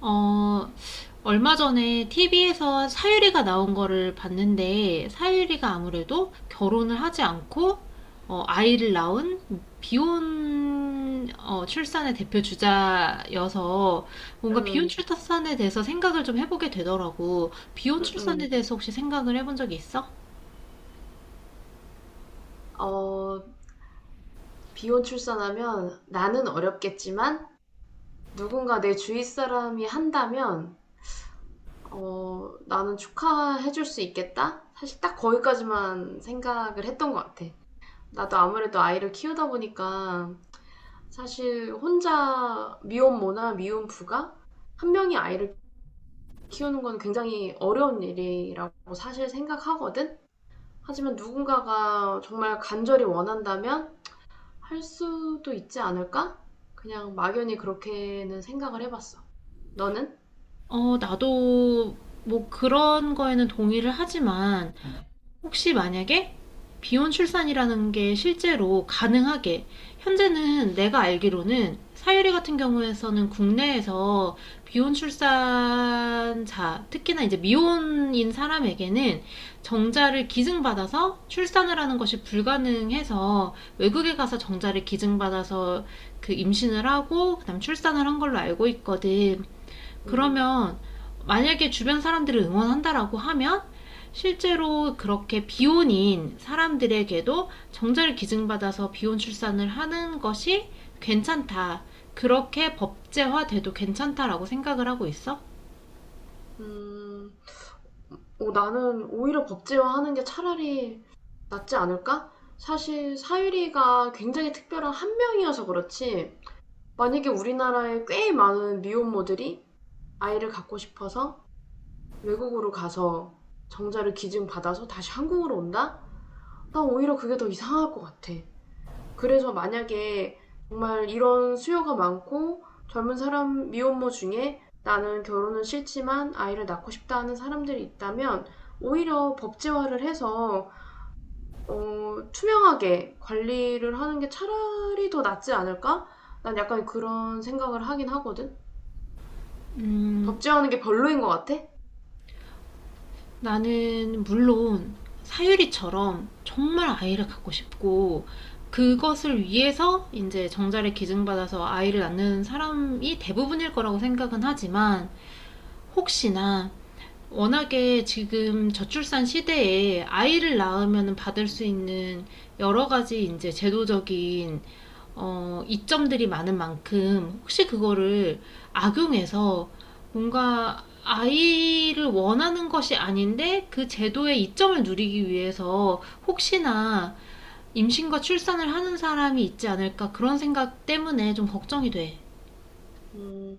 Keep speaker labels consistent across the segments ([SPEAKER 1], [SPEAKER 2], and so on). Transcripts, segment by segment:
[SPEAKER 1] 어, 얼마 전에 TV에서 사유리가 나온 거를 봤는데, 사유리가 아무래도 결혼을 하지 않고, 아이를 낳은 비혼 출산의 대표 주자여서, 뭔가 비혼
[SPEAKER 2] 음,
[SPEAKER 1] 출산에 대해서 생각을 좀 해보게 되더라고. 비혼
[SPEAKER 2] 음, 음.
[SPEAKER 1] 출산에 대해서 혹시 생각을 해본 적이 있어?
[SPEAKER 2] 어, 비혼 출산하면 나는 어렵겠지만 누군가 내 주위 사람이 한다면 나는 축하해줄 수 있겠다? 사실 딱 거기까지만 생각을 했던 것 같아. 나도 아무래도 아이를 키우다 보니까 사실 혼자 미혼모나 미혼부가 한 명이 아이를 키우는 건 굉장히 어려운 일이라고 사실 생각하거든? 하지만 누군가가 정말 간절히 원한다면 할 수도 있지 않을까? 그냥 막연히 그렇게는 생각을 해봤어. 너는?
[SPEAKER 1] 나도 뭐 그런 거에는 동의를 하지만, 혹시 만약에 비혼 출산이라는 게 실제로 가능하게, 현재는 내가 알기로는 사유리 같은 경우에서는 국내에서 비혼 출산자, 특히나 이제 미혼인 사람에게는 정자를 기증받아서 출산을 하는 것이 불가능해서, 외국에 가서 정자를 기증받아서 그 임신을 하고 그다음 출산을 한 걸로 알고 있거든.
[SPEAKER 2] 응.
[SPEAKER 1] 그러면 만약에 주변 사람들을 응원한다라고 하면, 실제로 그렇게 비혼인 사람들에게도 정자를 기증받아서 비혼 출산을 하는 것이 괜찮다, 그렇게 법제화돼도 괜찮다라고 생각을 하고 있어?
[SPEAKER 2] 음, 나는 오히려 법제화하는 게 차라리 낫지 않을까? 사실 사유리가 굉장히 특별한 한 명이어서 그렇지. 만약에 우리나라에 꽤 많은 미혼모들이 아이를 갖고 싶어서 외국으로 가서 정자를 기증받아서 다시 한국으로 온다? 난 오히려 그게 더 이상할 것 같아. 그래서 만약에 정말 이런 수요가 많고 젊은 사람 미혼모 중에 나는 결혼은 싫지만 아이를 낳고 싶다 하는 사람들이 있다면 오히려 법제화를 해서 투명하게 관리를 하는 게 차라리 더 낫지 않을까? 난 약간 그런 생각을 하긴 하거든.
[SPEAKER 1] 음,
[SPEAKER 2] 법제화하는 게 별로인 것 같아.
[SPEAKER 1] 나는 물론 사유리처럼 정말 아이를 갖고 싶고, 그것을 위해서 이제 정자를 기증받아서 아이를 낳는 사람이 대부분일 거라고 생각은 하지만, 혹시나 워낙에 지금 저출산 시대에 아이를 낳으면 받을 수 있는 여러 가지 이제 제도적인 이점들이 많은 만큼, 혹시 그거를 악용해서 뭔가 아이를 원하는 것이 아닌데 그 제도의 이점을 누리기 위해서 혹시나 임신과 출산을 하는 사람이 있지 않을까, 그런 생각 때문에 좀 걱정이 돼.
[SPEAKER 2] 음,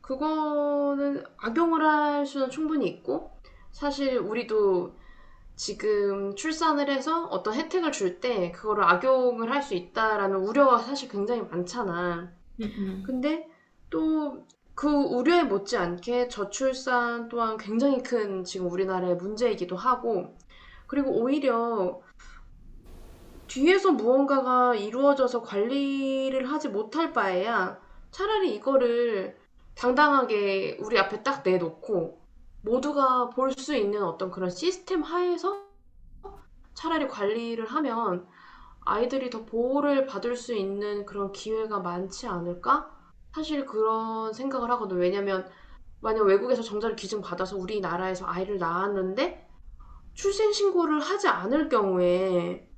[SPEAKER 2] 그거는 악용을 할 수는 충분히 있고 사실 우리도 지금 출산을 해서 어떤 혜택을 줄 때 그거를 악용을 할 수 있다라는 우려가 사실 굉장히 많잖아.
[SPEAKER 1] 음, 음.
[SPEAKER 2] 근데 또 그 우려에 못지않게 저출산 또한 굉장히 큰 지금 우리나라의 문제이기도 하고, 그리고 오히려 뒤에서 무언가가 이루어져서 관리를 하지 못할 바에야 차라리 이거를 당당하게 우리 앞에 딱 내놓고 모두가 볼 수 있는 어떤 그런 시스템 하에서 차라리 관리를 하면 아이들이 더 보호를 받을 수 있는 그런 기회가 많지 않을까? 사실 그런 생각을 하거든요. 왜냐면 만약 외국에서 정자를 기증받아서 우리나라에서 아이를 낳았는데 출생신고를 하지 않을 경우에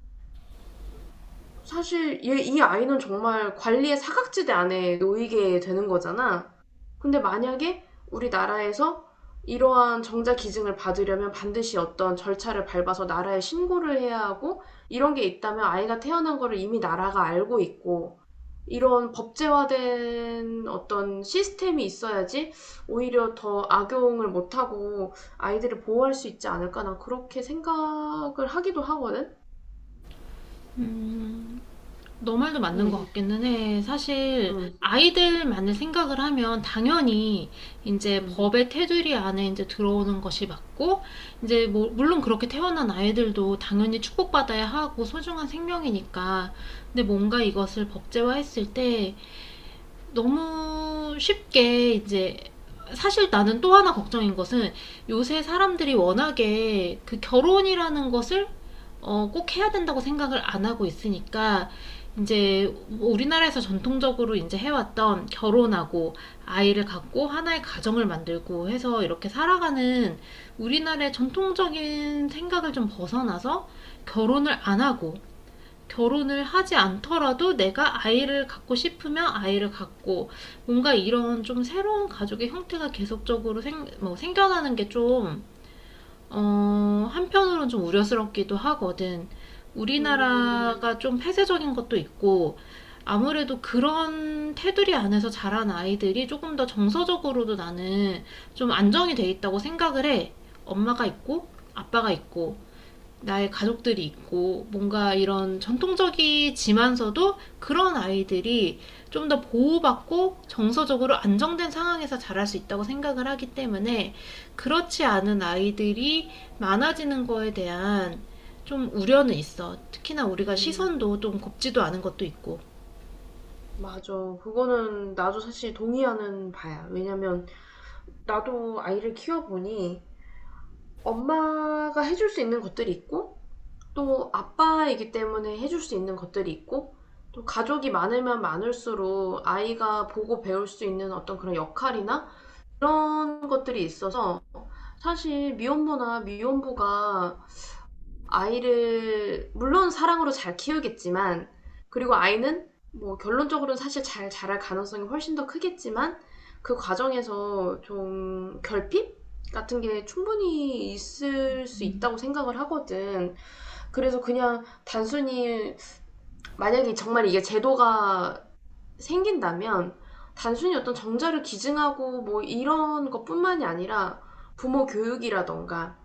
[SPEAKER 2] 사실 이 아이는 정말 관리의 사각지대 안에 놓이게 되는 거잖아. 근데 만약에 우리나라에서 이러한 정자 기증을 받으려면 반드시 어떤 절차를 밟아서 나라에 신고를 해야 하고 이런 게 있다면 아이가 태어난 거를 이미 나라가 알고 있고 이런 법제화된 어떤 시스템이 있어야지 오히려 더 악용을 못 하고 아이들을 보호할 수 있지 않을까 난 그렇게 생각을 하기도 하거든.
[SPEAKER 1] 음. 너 말도 맞는
[SPEAKER 2] 응.
[SPEAKER 1] 것 같기는 해. 사실
[SPEAKER 2] 응.
[SPEAKER 1] 아이들만을 생각을 하면 당연히 이제
[SPEAKER 2] 응.
[SPEAKER 1] 법의 테두리 안에 이제 들어오는 것이 맞고, 이제 뭐 물론 그렇게 태어난 아이들도 당연히 축복받아야 하고 소중한 생명이니까. 근데 뭔가 이것을 법제화했을 때 너무 쉽게 이제, 사실 나는 또 하나 걱정인 것은, 요새 사람들이 워낙에 그 결혼이라는 것을 꼭 해야 된다고 생각을 안 하고 있으니까, 이제 우리나라에서 전통적으로 이제 해왔던, 결혼하고 아이를 갖고 하나의 가정을 만들고 해서 이렇게 살아가는 우리나라의 전통적인 생각을 좀 벗어나서, 결혼을 안 하고, 결혼을 하지 않더라도 내가 아이를 갖고 싶으면 아이를 갖고, 뭔가 이런 좀 새로운 가족의 형태가 계속적으로 뭐 생겨나는 게 좀 한편으로는 좀 우려스럽기도 하거든.
[SPEAKER 2] 음.
[SPEAKER 1] 우리나라가 좀 폐쇄적인 것도 있고, 아무래도 그런 테두리 안에서 자란 아이들이 조금 더 정서적으로도 나는 좀 안정이 돼 있다고 생각을 해. 엄마가 있고, 아빠가 있고, 나의 가족들이 있고, 뭔가 이런 전통적이지만서도 그런 아이들이 좀 더 보호받고 정서적으로 안정된 상황에서 자랄 수 있다고 생각을 하기 때문에, 그렇지 않은 아이들이 많아지는 거에 대한 좀 우려는 있어. 특히나 우리가
[SPEAKER 2] 음.
[SPEAKER 1] 시선도 좀 곱지도 않은 것도 있고.
[SPEAKER 2] 맞아. 그거는 나도 사실 동의하는 바야. 왜냐면 나도 아이를 키워보니 엄마가 해줄 수 있는 것들이 있고 또 아빠이기 때문에 해줄 수 있는 것들이 있고 또 가족이 많으면 많을수록 아이가 보고 배울 수 있는 어떤 그런 역할이나 그런 것들이 있어서 사실 미혼모나 미혼부가 아이를 물론 사랑으로 잘 키우겠지만 그리고 아이는 뭐 결론적으로는 사실 잘 자랄 가능성이 훨씬 더 크겠지만 그 과정에서 좀 결핍 같은 게 충분히 있을 수
[SPEAKER 1] 음,
[SPEAKER 2] 있다고 생각을 하거든. 그래서 그냥 단순히 만약에 정말 이게 제도가 생긴다면 단순히 어떤 정자를 기증하고 뭐 이런 것뿐만이 아니라 부모 교육이라던가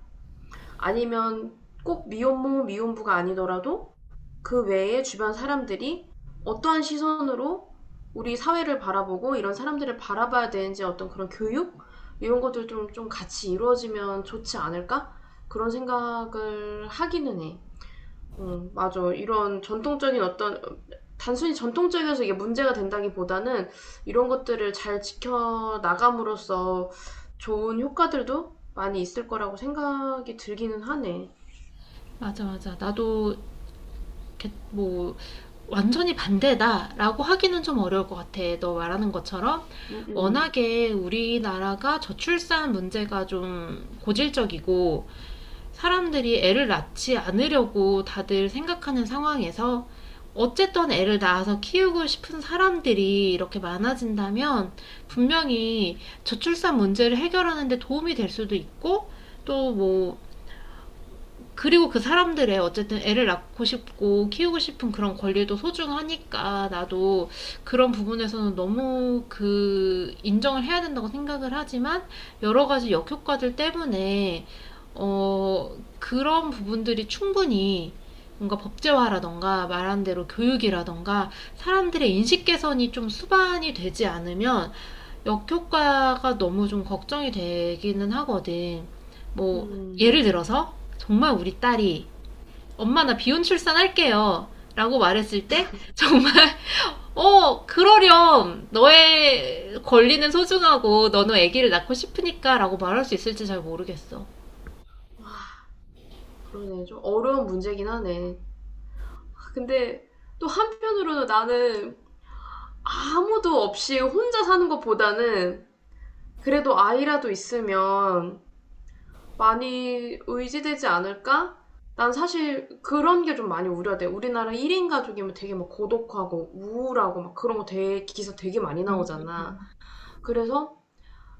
[SPEAKER 2] 아니면 꼭 미혼모 미혼부가 아니더라도 그 외에 주변 사람들이 어떠한 시선으로 우리 사회를 바라보고 이런 사람들을 바라봐야 되는지 어떤 그런 교육 이런 것들 좀 같이 이루어지면 좋지 않을까 그런 생각을 하기는 해. 맞아. 이런 전통적인 어떤, 단순히 전통적이어서 이게 문제가 된다기보다는 이런 것들을 잘 지켜나감으로써 좋은 효과들도 많이 있을 거라고 생각이 들기는 하네.
[SPEAKER 1] 맞아, 맞아. 나도 뭐 완전히 반대다라고 하기는 좀 어려울 것 같아. 너 말하는 것처럼
[SPEAKER 2] 음음.
[SPEAKER 1] 워낙에 우리나라가 저출산 문제가 좀 고질적이고 사람들이 애를 낳지 않으려고 다들 생각하는 상황에서, 어쨌든 애를 낳아서 키우고 싶은 사람들이 이렇게 많아진다면 분명히 저출산 문제를 해결하는데 도움이 될 수도 있고, 또뭐, 그리고 그 사람들의 어쨌든 애를 낳고 싶고 키우고 싶은 그런 권리도 소중하니까, 나도 그런 부분에서는 너무 그 인정을 해야 된다고 생각을 하지만, 여러 가지 역효과들 때문에 어 그런 부분들이 충분히 뭔가 법제화라던가, 말한 대로 교육이라던가, 사람들의 인식 개선이 좀 수반이 되지 않으면 역효과가 너무 좀 걱정이 되기는 하거든.
[SPEAKER 2] 음,
[SPEAKER 1] 뭐,
[SPEAKER 2] 음,
[SPEAKER 1] 예를 들어서, 정말 우리 딸이, 엄마 나 비혼 출산할게요, 라고 말했을 때, 정말, 그러렴, 너의 권리는 소중하고 너는 아기를 낳고 싶으니까, 라고 말할 수 있을지 잘 모르겠어.
[SPEAKER 2] 그러네. 좀 어려운 문제긴 하네. 아, 근데 또 한편으로는 나는 아무도 없이 혼자 사는 것보다는 그래도 아이라도 있으면 많이 의지되지 않을까? 난 사실 그런 게 좀 많이 우려돼. 우리나라 1인 가족이면 되게 막 고독하고 우울하고 막 그런 거 되게 기사 되게 많이 나오잖아. 그래서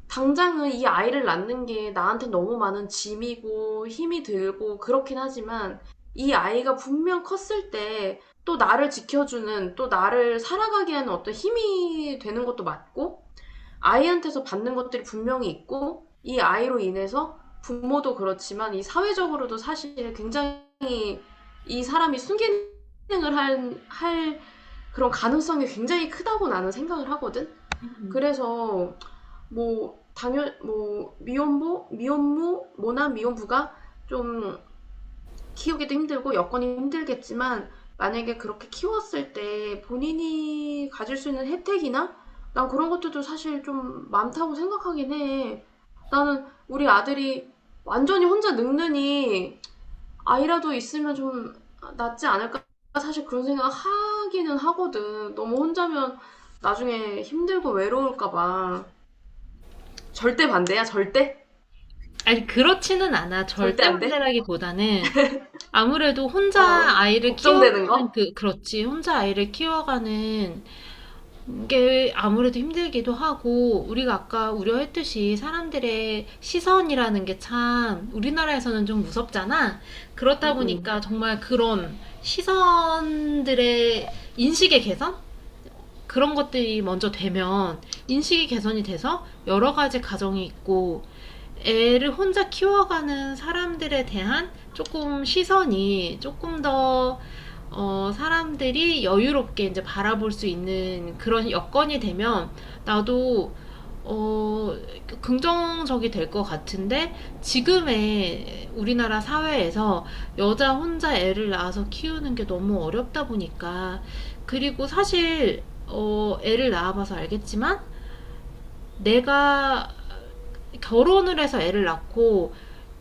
[SPEAKER 2] 당장은 이 아이를 낳는 게 나한테 너무 많은 짐이고 힘이 들고 그렇긴 하지만 이 아이가 분명 컸을 때 또 나를 지켜주는 또 나를 살아가게 하는 어떤 힘이 되는 것도 맞고 아이한테서 받는 것들이 분명히 있고 이 아이로 인해서 부모도 그렇지만 이 사회적으로도 사실 굉장히 이 사람이 순기능을 할 그런 가능성이 굉장히 크다고 나는 생각을 하거든. 그래서 뭐 당연 뭐 미혼모, 미혼모, 모난 미혼부가 좀 키우기도 힘들고 여건이 힘들겠지만 만약에 그렇게 키웠을 때 본인이 가질 수 있는 혜택이나 난 그런 것들도 사실 좀 많다고 생각하긴 해. 나는 우리 아들이 완전히 혼자 늙느니 아이라도 있으면 좀 낫지 않을까 사실 그런 생각 하기는 하거든. 너무 혼자면 나중에 힘들고 외로울까 봐. 절대 반대야, 절대?
[SPEAKER 1] 아니, 그렇지는 않아.
[SPEAKER 2] 절대
[SPEAKER 1] 절대
[SPEAKER 2] 안 돼?
[SPEAKER 1] 반대라기보다는, 아무래도 혼자
[SPEAKER 2] 어,
[SPEAKER 1] 아이를
[SPEAKER 2] 걱정되는
[SPEAKER 1] 키워가는
[SPEAKER 2] 거?
[SPEAKER 1] 그렇지, 혼자 아이를 키워가는 이게 아무래도 힘들기도 하고, 우리가 아까 우려했듯이 사람들의 시선이라는 게 참 우리나라에서는 좀 무섭잖아. 그렇다
[SPEAKER 2] 응,
[SPEAKER 1] 보니까 정말 그런 시선들의, 인식의 개선? 그런 것들이 먼저 되면, 인식이 개선이 돼서 여러 가지 가정이 있고 애를 혼자 키워가는 사람들에 대한 조금 시선이 조금 더 사람들이 여유롭게 이제 바라볼 수 있는 그런 여건이 되면, 나도 어, 긍정적이 될 것 같은데, 지금의 우리나라 사회에서 여자 혼자 애를 낳아서 키우는 게 너무 어렵다 보니까. 그리고 사실 애를 낳아봐서 알겠지만, 내가 결혼을 해서 애를 낳고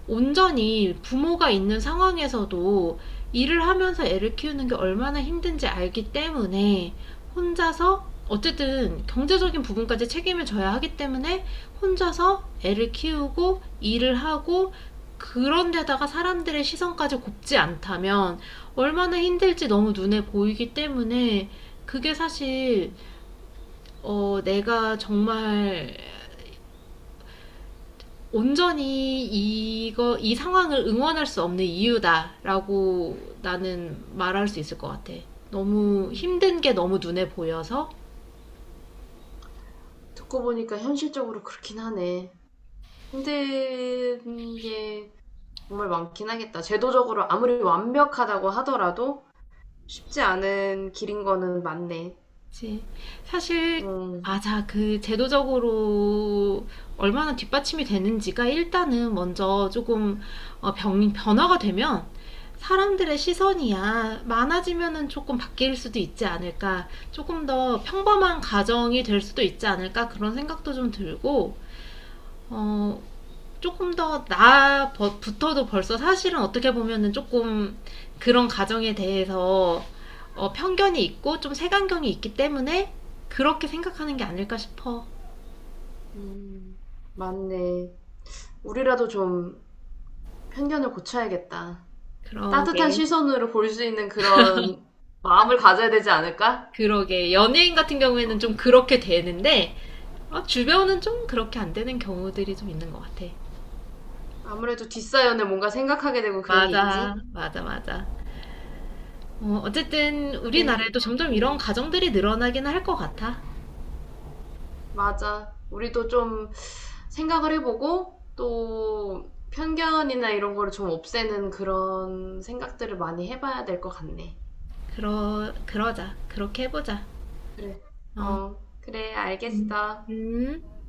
[SPEAKER 1] 온전히 부모가 있는 상황에서도 일을 하면서 애를 키우는 게 얼마나 힘든지 알기 때문에, 혼자서 어쨌든 경제적인 부분까지 책임을 져야 하기 때문에 혼자서 애를 키우고 일을 하고, 그런 데다가 사람들의 시선까지 곱지 않다면 얼마나 힘들지 너무 눈에 보이기 때문에, 그게 사실 내가 정말 온전히 이거 이 상황을 응원할 수 없는 이유다라고 나는 말할 수 있을 것 같아. 너무
[SPEAKER 2] 응.
[SPEAKER 1] 힘든 게 너무 눈에 보여서.
[SPEAKER 2] 듣고 보니까 현실적으로 그렇긴 하네. 힘든 게 정말 많긴 하겠다. 제도적으로 아무리 완벽하다고 하더라도 쉽지 않은 길인 거는 맞네.
[SPEAKER 1] 그치. 사실,
[SPEAKER 2] 음,
[SPEAKER 1] 맞아, 그 제도적으로 얼마나 뒷받침이 되는지가 일단은 먼저 조금 변화가 되면, 사람들의 시선이야 많아지면은 조금 바뀔 수도 있지 않을까, 조금 더 평범한 가정이 될 수도 있지 않을까, 그런 생각도 좀 들고. 어, 조금 더 나부터도 벌써 사실은 어떻게 보면은 조금 그런 가정에 대해서 편견이 있고 좀 색안경이 있기 때문에 그렇게 생각하는 게 아닐까 싶어.
[SPEAKER 2] 음, 맞네. 우리라도 좀 편견을 고쳐야겠다. 따뜻한
[SPEAKER 1] 그러게,
[SPEAKER 2] 시선으로 볼 수 있는 그런 마음을 가져야 되지 않을까?
[SPEAKER 1] 그러게. 연예인 같은 경우에는 좀 그렇게 되는데, 주변은 좀 그렇게 안 되는 경우들이 좀 있는 것 같아.
[SPEAKER 2] 아무래도 뒷사연을 뭔가 생각하게 되고 그런 게
[SPEAKER 1] 맞아,
[SPEAKER 2] 있지.
[SPEAKER 1] 맞아, 맞아. 어쨌든
[SPEAKER 2] 네.
[SPEAKER 1] 우리나라에도 점점
[SPEAKER 2] 음.
[SPEAKER 1] 이런 가정들이 늘어나긴 할 것 같아.
[SPEAKER 2] 맞아. 우리도 좀 생각을 해보고 또 편견이나 이런 거를 좀 없애는 그런 생각들을 많이 해봐야 될 것 같네.
[SPEAKER 1] 그러자. 그렇게 해보자.
[SPEAKER 2] 그래.
[SPEAKER 1] 어.
[SPEAKER 2] 어, 그래,
[SPEAKER 1] 음.
[SPEAKER 2] 알겠어.
[SPEAKER 1] 음.